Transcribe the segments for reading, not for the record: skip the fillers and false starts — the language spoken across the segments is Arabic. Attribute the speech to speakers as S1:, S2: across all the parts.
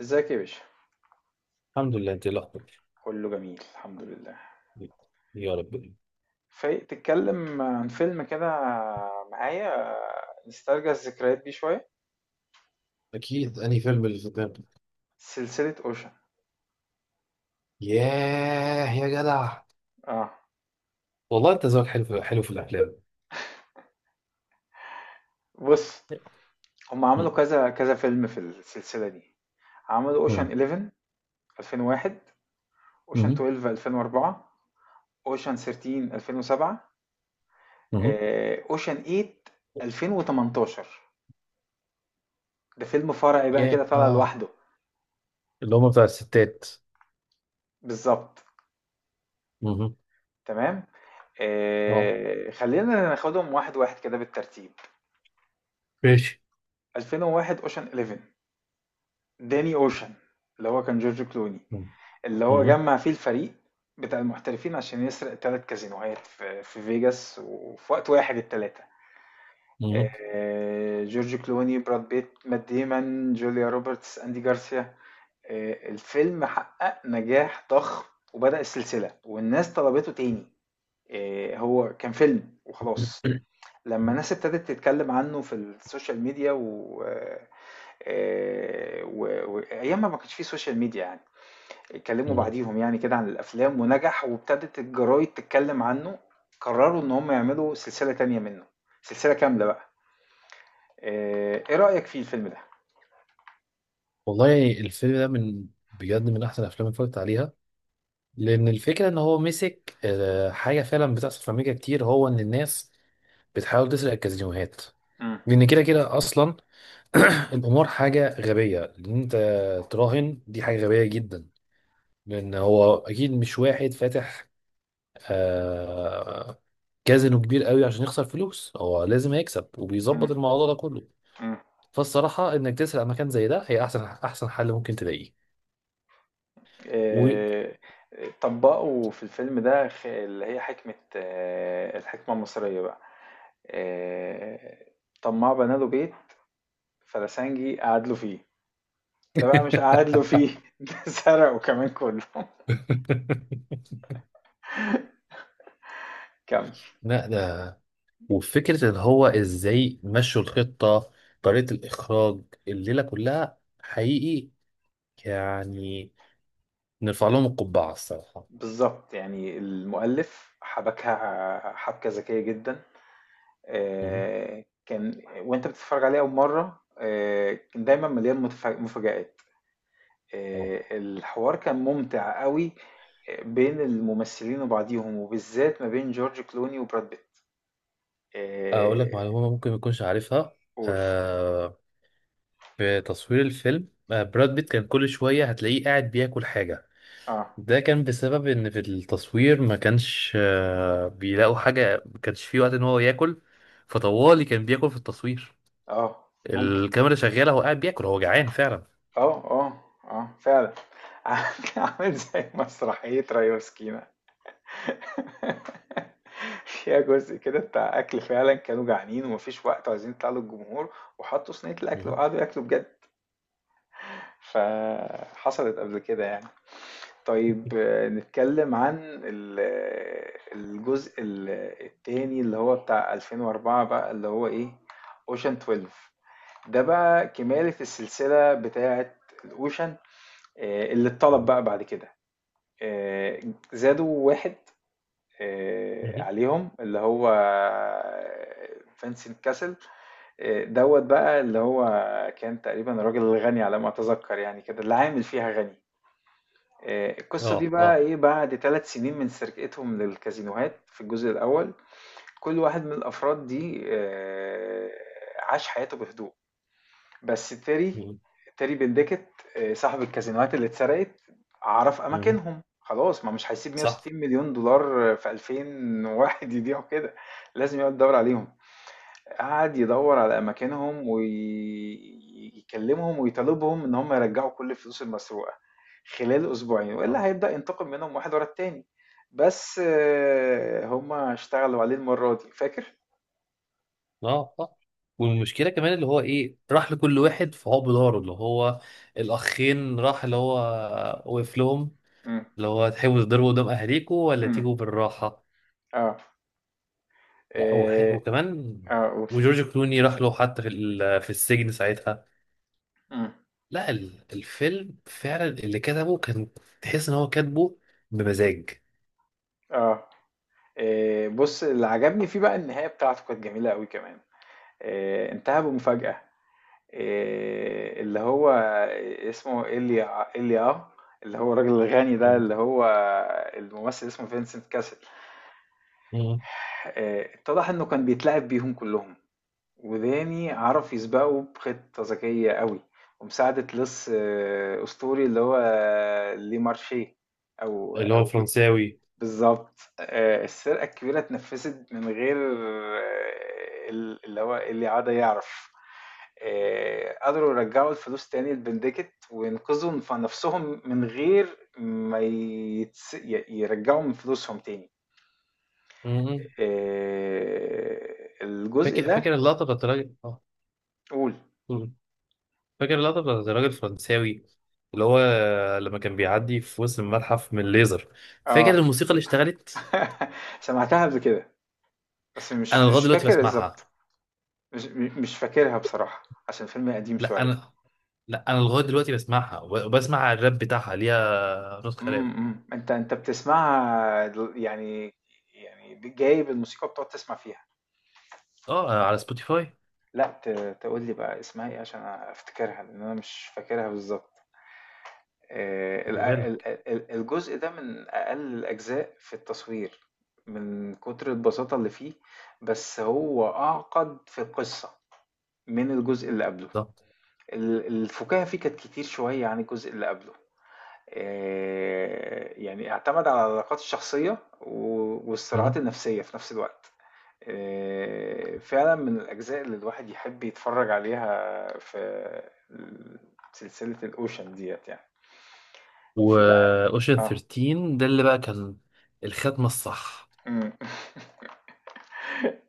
S1: ازيك يا باشا؟
S2: الحمد لله، انت إيه الاخبار؟
S1: كله جميل الحمد لله.
S2: يا رب.
S1: فايق تتكلم عن فيلم كده معايا؟ نسترجع الذكريات دي شوية.
S2: اكيد، انهي فيلم اللي في دماغك؟
S1: سلسلة اوشن.
S2: ياه يا جدع.
S1: اه،
S2: والله انت ذوقك حلو في الافلام.
S1: بص. هم
S2: مم.
S1: عملوا كذا كذا فيلم في السلسلة دي. عملوا اوشن
S2: مم.
S1: 11 2001. اوشن
S2: مم.
S1: 12 2004. اوشن 13 2007.
S2: مم.
S1: اوشن 8 2018. ده فيلم فرعي بقى كده
S2: ياه،
S1: طالع
S2: اه.
S1: لوحده.
S2: اللي هم بتاع الستات.
S1: بالظبط.
S2: مم.
S1: تمام.
S2: اه،
S1: خلينا ناخدهم واحد واحد كده بالترتيب.
S2: ماشي.
S1: 2001 اوشن 11. داني اوشن. اللي هو كان جورج كلوني.
S2: مم.
S1: اللي هو
S2: مم.
S1: جمع فيه الفريق بتاع المحترفين عشان يسرق ثلاث كازينوهات في فيجاس وفي وقت واحد الثلاثة.
S2: مم.
S1: جورج كلوني براد بيت مات ديمون جوليا روبرتس اندي جارسيا. الفيلم حقق نجاح ضخم وبدأ السلسلة والناس طلبته تاني. هو كان فيلم وخلاص. لما
S2: مم.
S1: الناس ابتدت تتكلم عنه في السوشيال ميديا و... آه، آه، و- وايام ما كانش فيه سوشيال ميديا يعني. اتكلموا
S2: مم.
S1: بعديهم يعني كده عن الافلام ونجح وابتدت الجرايد تتكلم عنه. قرروا ان هم يعملوا سلسلة تانية منه. سلسلة كاملة بقى. ايه رأيك في الفيلم ده؟
S2: والله الفيلم ده من، بجد من احسن الافلام اللي اتفرجت عليها. لان الفكره ان هو مسك حاجه فعلا بتحصل في امريكا كتير، هو ان الناس بتحاول تسرق الكازينوهات.
S1: مم.
S2: لان كده كده اصلا القمار حاجة غبية. إن أنت تراهن دي حاجة غبية جدا. لأن هو أكيد مش واحد فاتح آه كازينو كبير قوي عشان يخسر فلوس. هو لازم هيكسب وبيظبط
S1: مم.
S2: الموضوع ده كله.
S1: مم.
S2: فالصراحة إنك تسرق مكان زي ده هي أحسن حل ممكن تلاقيه. و...
S1: آه، طبقوا في الفيلم ده اللي هي حكمة الحكمة المصرية بقى. آه، طماع بنى له بيت. فلسنجي قعد له فيه. ده بقى مش قعد له فيه ده سرقه كمان كله كمل.
S2: لا ده، وفكرة اللي هو إزاي مشوا الخطة، طريقة الإخراج، الليلة كلها حقيقي. يعني نرفع لهم القبعة الصراحة.
S1: بالضبط، يعني المؤلف حبكها حبكة ذكية جدًا. كان وأنت بتتفرج عليه أول مرة. كان دايمًا مليان مفاجآت.
S2: اه.
S1: الحوار كان ممتع أوي. بين الممثلين وبعضيهم، وبالذات ما بين جورج كلوني وبراد بيت.
S2: اقول لك
S1: آآ،
S2: معلومه ممكن ما تكونش عارفها.
S1: قُل.
S2: آه. في تصوير الفيلم براد بيت كان كل شويه هتلاقيه قاعد بياكل حاجه.
S1: آه،
S2: ده كان بسبب ان في التصوير ما كانش بيلاقوا حاجه، ما كانش فيه وقت ان هو ياكل. فطوالي كان بياكل في التصوير.
S1: آه، ممكن.
S2: الكاميرا شغاله، هو قاعد بياكل، هو جعان فعلا.
S1: فعلًا. عامل عامل زي مسرحية ريا وسكينة فيها جزء كده بتاع أكل فعلًا كانوا جعانين ومافيش وقت وعايزين يطلعوا للجمهور، وحطوا صينية الأكل
S2: مهم.
S1: وقعدوا ياكلوا بجد، فحصلت قبل كده يعني. طيب، نتكلم عن ال آه، الجزء ال آه، التاني اللي هو بتاع 2004 بقى اللي هو إيه Ocean 12. ده بقى كمالة السلسلة بتاعة الOcean. اللي اتطلب
S2: مهم.
S1: بقى بعد كده. آآ زادوا 1
S2: مهم.
S1: عليهم اللي هو فينسنت كاسل. دوت بقى اللي هو كان تقريبا الراجل الغني على ما اتذكر يعني كده اللي عامل فيها غني. القصة دي
S2: اه
S1: بقى
S2: اه.
S1: ايه بعد 3 سنين من سرقتهم للكازينوهات في الجزء الأول. كل واحد من الأفراد دي عاش حياته بهدوء. بس
S2: مهم.
S1: تيري بندكت. صاحب الكازينوهات اللي اتسرقت عرف
S2: مهم.
S1: اماكنهم خلاص، ما مش هيسيب
S2: صح.
S1: 160 مليون دولار في 2000 واحد يضيعوا كده. لازم يقعد يدور عليهم. قعد يدور على اماكنهم ويكلمهم ويطالبهم ان هم يرجعوا كل الفلوس المسروقه خلال اسبوعين والا هيبدا ينتقم منهم واحد ورا التاني. بس هم اشتغلوا عليه المره دي فاكر.
S2: اه آه. والمشكله كمان اللي هو ايه، راح لكل واحد فهو بداره اللي هو الاخين، راح اللي هو وقف لهم،
S1: امم.
S2: اللي هو تحبوا تضربوا قدام اهاليكوا ولا
S1: امم.
S2: تيجوا بالراحه.
S1: اه.
S2: لا
S1: اه.
S2: وكمان،
S1: قول.
S2: وجورج كلوني راح له حتى في السجن ساعتها.
S1: امم.
S2: لا ال- الفيلم فعلا اللي كتبه كان، تحس ان هو كاتبه بمزاج.
S1: اه. بص، اللي عجبني فيه بقى النهاية بتاعته كانت جميلة قوي كمان. انتهى بمفاجأة. اللي هو اسمه إيليا إيليا. اللي هو الراجل الغني ده
S2: مم.
S1: اللي هو الممثل اسمه فينسنت كاسل.
S2: مم.
S1: اتضح انه كان بيتلاعب بيهم كلهم. وداني عرف يسبقه بخطة ذكية قوي ومساعدة لص أسطوري اللي هو لي مارشيه. أو
S2: اللي هو
S1: أو
S2: الفرنساوي.
S1: بالضبط. السرقة الكبيرة اتنفّذت من غير آه، ال اللي هو اللي عاد يعرف. قدروا يرجّعوا الفلوس تاني لبنديكت وينقذوا نَفْسهم من غير ما يتس ي يرجّعوا من فلوسهم تاني.
S2: مم.
S1: آآ الجزء
S2: فاكر
S1: ده.
S2: فاكر اللقطه بتاعت الراجل.
S1: قُل.
S2: اه. فاكر اللقطة بتاعت الراجل الفرنساوي اللي هو لما كان بيعدي في وسط المتحف من الليزر. فاكر
S1: آه.
S2: الموسيقى اللي اشتغلت؟
S1: سمعتها قبل كده، بس
S2: انا
S1: مش
S2: لغاية
S1: مش
S2: دلوقتي
S1: فاكر
S2: بسمعها.
S1: بالضبط. مش فاكرها بصراحة، عشان فيلم قديم
S2: لا
S1: شوية.
S2: انا لا انا لغاية دلوقتي بسمعها وبسمع الراب بتاعها، ليها نسخة
S1: إمم.
S2: راب.
S1: إمم. أنت بتسمعها يعني. يعني جايب الموسيقى وبتقعد تسمع فيها.
S2: اه، على سبوتيفاي.
S1: لأ، تقول لي بقى اسمها إيه عشان أفتكرها، لإن أنا مش فاكرها بالضبط. ال
S2: بيقولها لك
S1: ال ال الجزء ده من أقل الأجزاء في التصوير، من كتر البساطة اللي فيه، بس هو أعقد في القصة من الجزء اللي قبله.
S2: ده.
S1: الفُكاهة فيه كانت كتير شوية عن الجزء اللي قبله. يعني اعتمد على العلاقات الشخصية والصراعات النفسية في نفس الوقت. فعلا من الأجزاء اللي الواحد يحب يتفرج عليها في سلسلة الأوشن ديت يعني. في بقى.
S2: واوشن
S1: اه.
S2: 13 ده اللي بقى كان الختمة الصح.
S1: مم.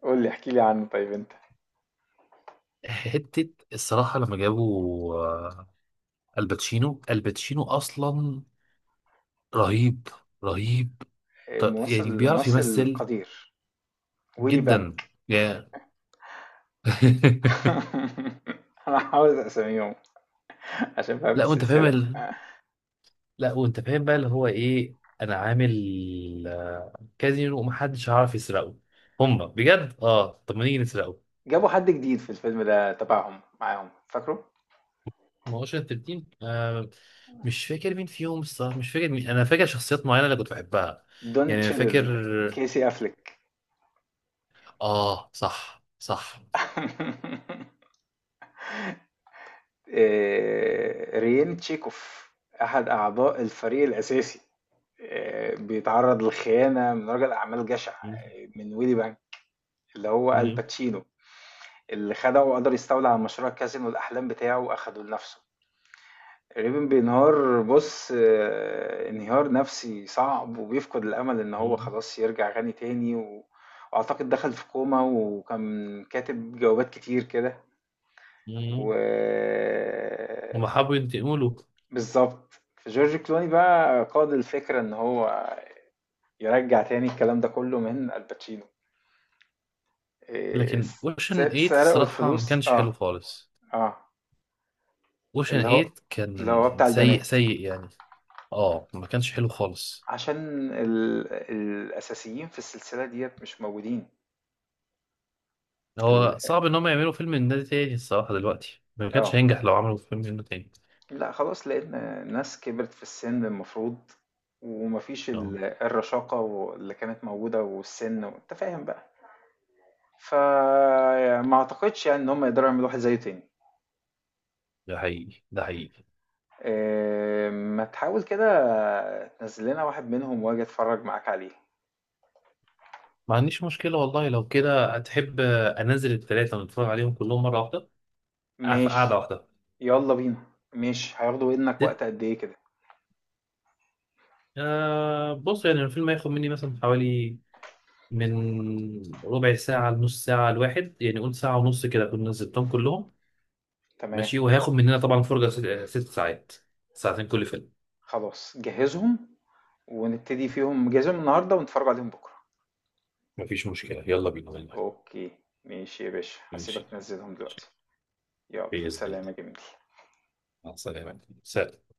S1: قول لي احكي لي عنه طيب انت.
S2: حتة الصراحة لما جابوا الباتشينو أصلا رهيب، رهيب. ط- يعني
S1: ممثل
S2: بيعرف
S1: ممثل
S2: يمثل
S1: القدير ويلي
S2: جدا.
S1: بانك.
S2: يا.
S1: انا هحاول اسميهم عشان بحب
S2: لا وانت فاهم
S1: السلسلة.
S2: ال... لا وانت فاهم بقى اللي هو ايه. انا عامل كازينو ومحدش هيعرف يسرقه. هما بجد اه، طب ما نيجي نسرقه.
S1: جابوا حد جديد في الفيلم ده تبعهم معاهم فاكره.
S2: ما هوش التلتين مش فاكر مين فيهم الصراحه، مش فاكر مين. انا فاكر شخصيات معينه اللي كنت بحبها.
S1: دوني
S2: يعني انا فاكر.
S1: تشيدل. كيسي أفليك.
S2: اه، صح صح.
S1: ريين تشيكوف أحد أعضاء الفريق الأساسي. بيتعرض للخيانة من رجل أعمال جشع
S2: م-
S1: من ويلي بانك اللي هو
S2: م-
S1: الباتشينو. اللي خدعه وقدر يستولى على مشروع كازينو الأحلام بتاعه وأخده لنفسه. ريبن بينهار بص، انهيار نفسي صعب وبيفقد الأمل إن هو
S2: م-
S1: خلاص يرجع غني تاني وأعتقد دخل في كوما وكان كاتب جوابات كتير كده و
S2: م- هما حبوا ينتقموا له.
S1: بالظبط. جورج كلوني بقى قاد الفكرة ان هو يرجع تاني الكلام ده كله من الباتشينو. إيه،
S2: لكن اوشن 8
S1: سرقوا
S2: الصراحه ما
S1: الفلوس.
S2: كانش حلو
S1: اه.
S2: خالص.
S1: اه.
S2: اوشن
S1: اللي هو
S2: 8
S1: اللي هو
S2: كان
S1: بتاع
S2: سيء
S1: البنات.
S2: سيء يعني. اه، ما كانش حلو خالص.
S1: عشان الاساسيين في السلسلة ديت مش موجودين. ال...
S2: هو صعب ان هم يعملوا فيلم من ده تاني الصراحه، دلوقتي ما كانش
S1: اه،
S2: هينجح لو عملوا فيلم منه تاني.
S1: لا خلاص لقينا ناس كبرت في السن المفروض. ومفيش
S2: اه،
S1: الرشاقة اللي كانت موجودة والسن انت فاهم بقى. فما اعتقدش يعني ان هم يقدروا يعملوا واحد زيه تاني.
S2: ده حقيقي ده حقيقي.
S1: ما تحاول كده تنزل لنا واحد منهم واجي اتفرج معاك عليه.
S2: ما عنديش مشكله والله، لو كده هتحب انزل الثلاثه ونتفرج عليهم كلهم مره واحده في قعده
S1: ماشي.
S2: واحده.
S1: يلا بينا. ماشي، هياخدوا منك
S2: ست-
S1: وقت قد ايه كده؟
S2: آه بص، يعني الفيلم هياخد مني مثلا حوالي من ربع ساعه لنص ساعه الواحد، يعني قول ساعه ونص كده اكون نزلتهم كلهم.
S1: تمام.
S2: ماشي. وهياخد مننا طبعا فرجه ست ساعات، ساعتين كل فيلم.
S1: خلاص جهزهم ونبتدي فيهم، جهزهم النهارده ونتفرج عليهم بكره.
S2: مفيش مشكلة يلا بينا والله.
S1: اوكي. ماشي يا باشا، هسيبك
S2: ماشي
S1: تنزلهم
S2: ماشي.
S1: دلوقتي. يلا،
S2: بإذن
S1: سلام
S2: الله.
S1: يا جميل.
S2: مع السلامة، سلام.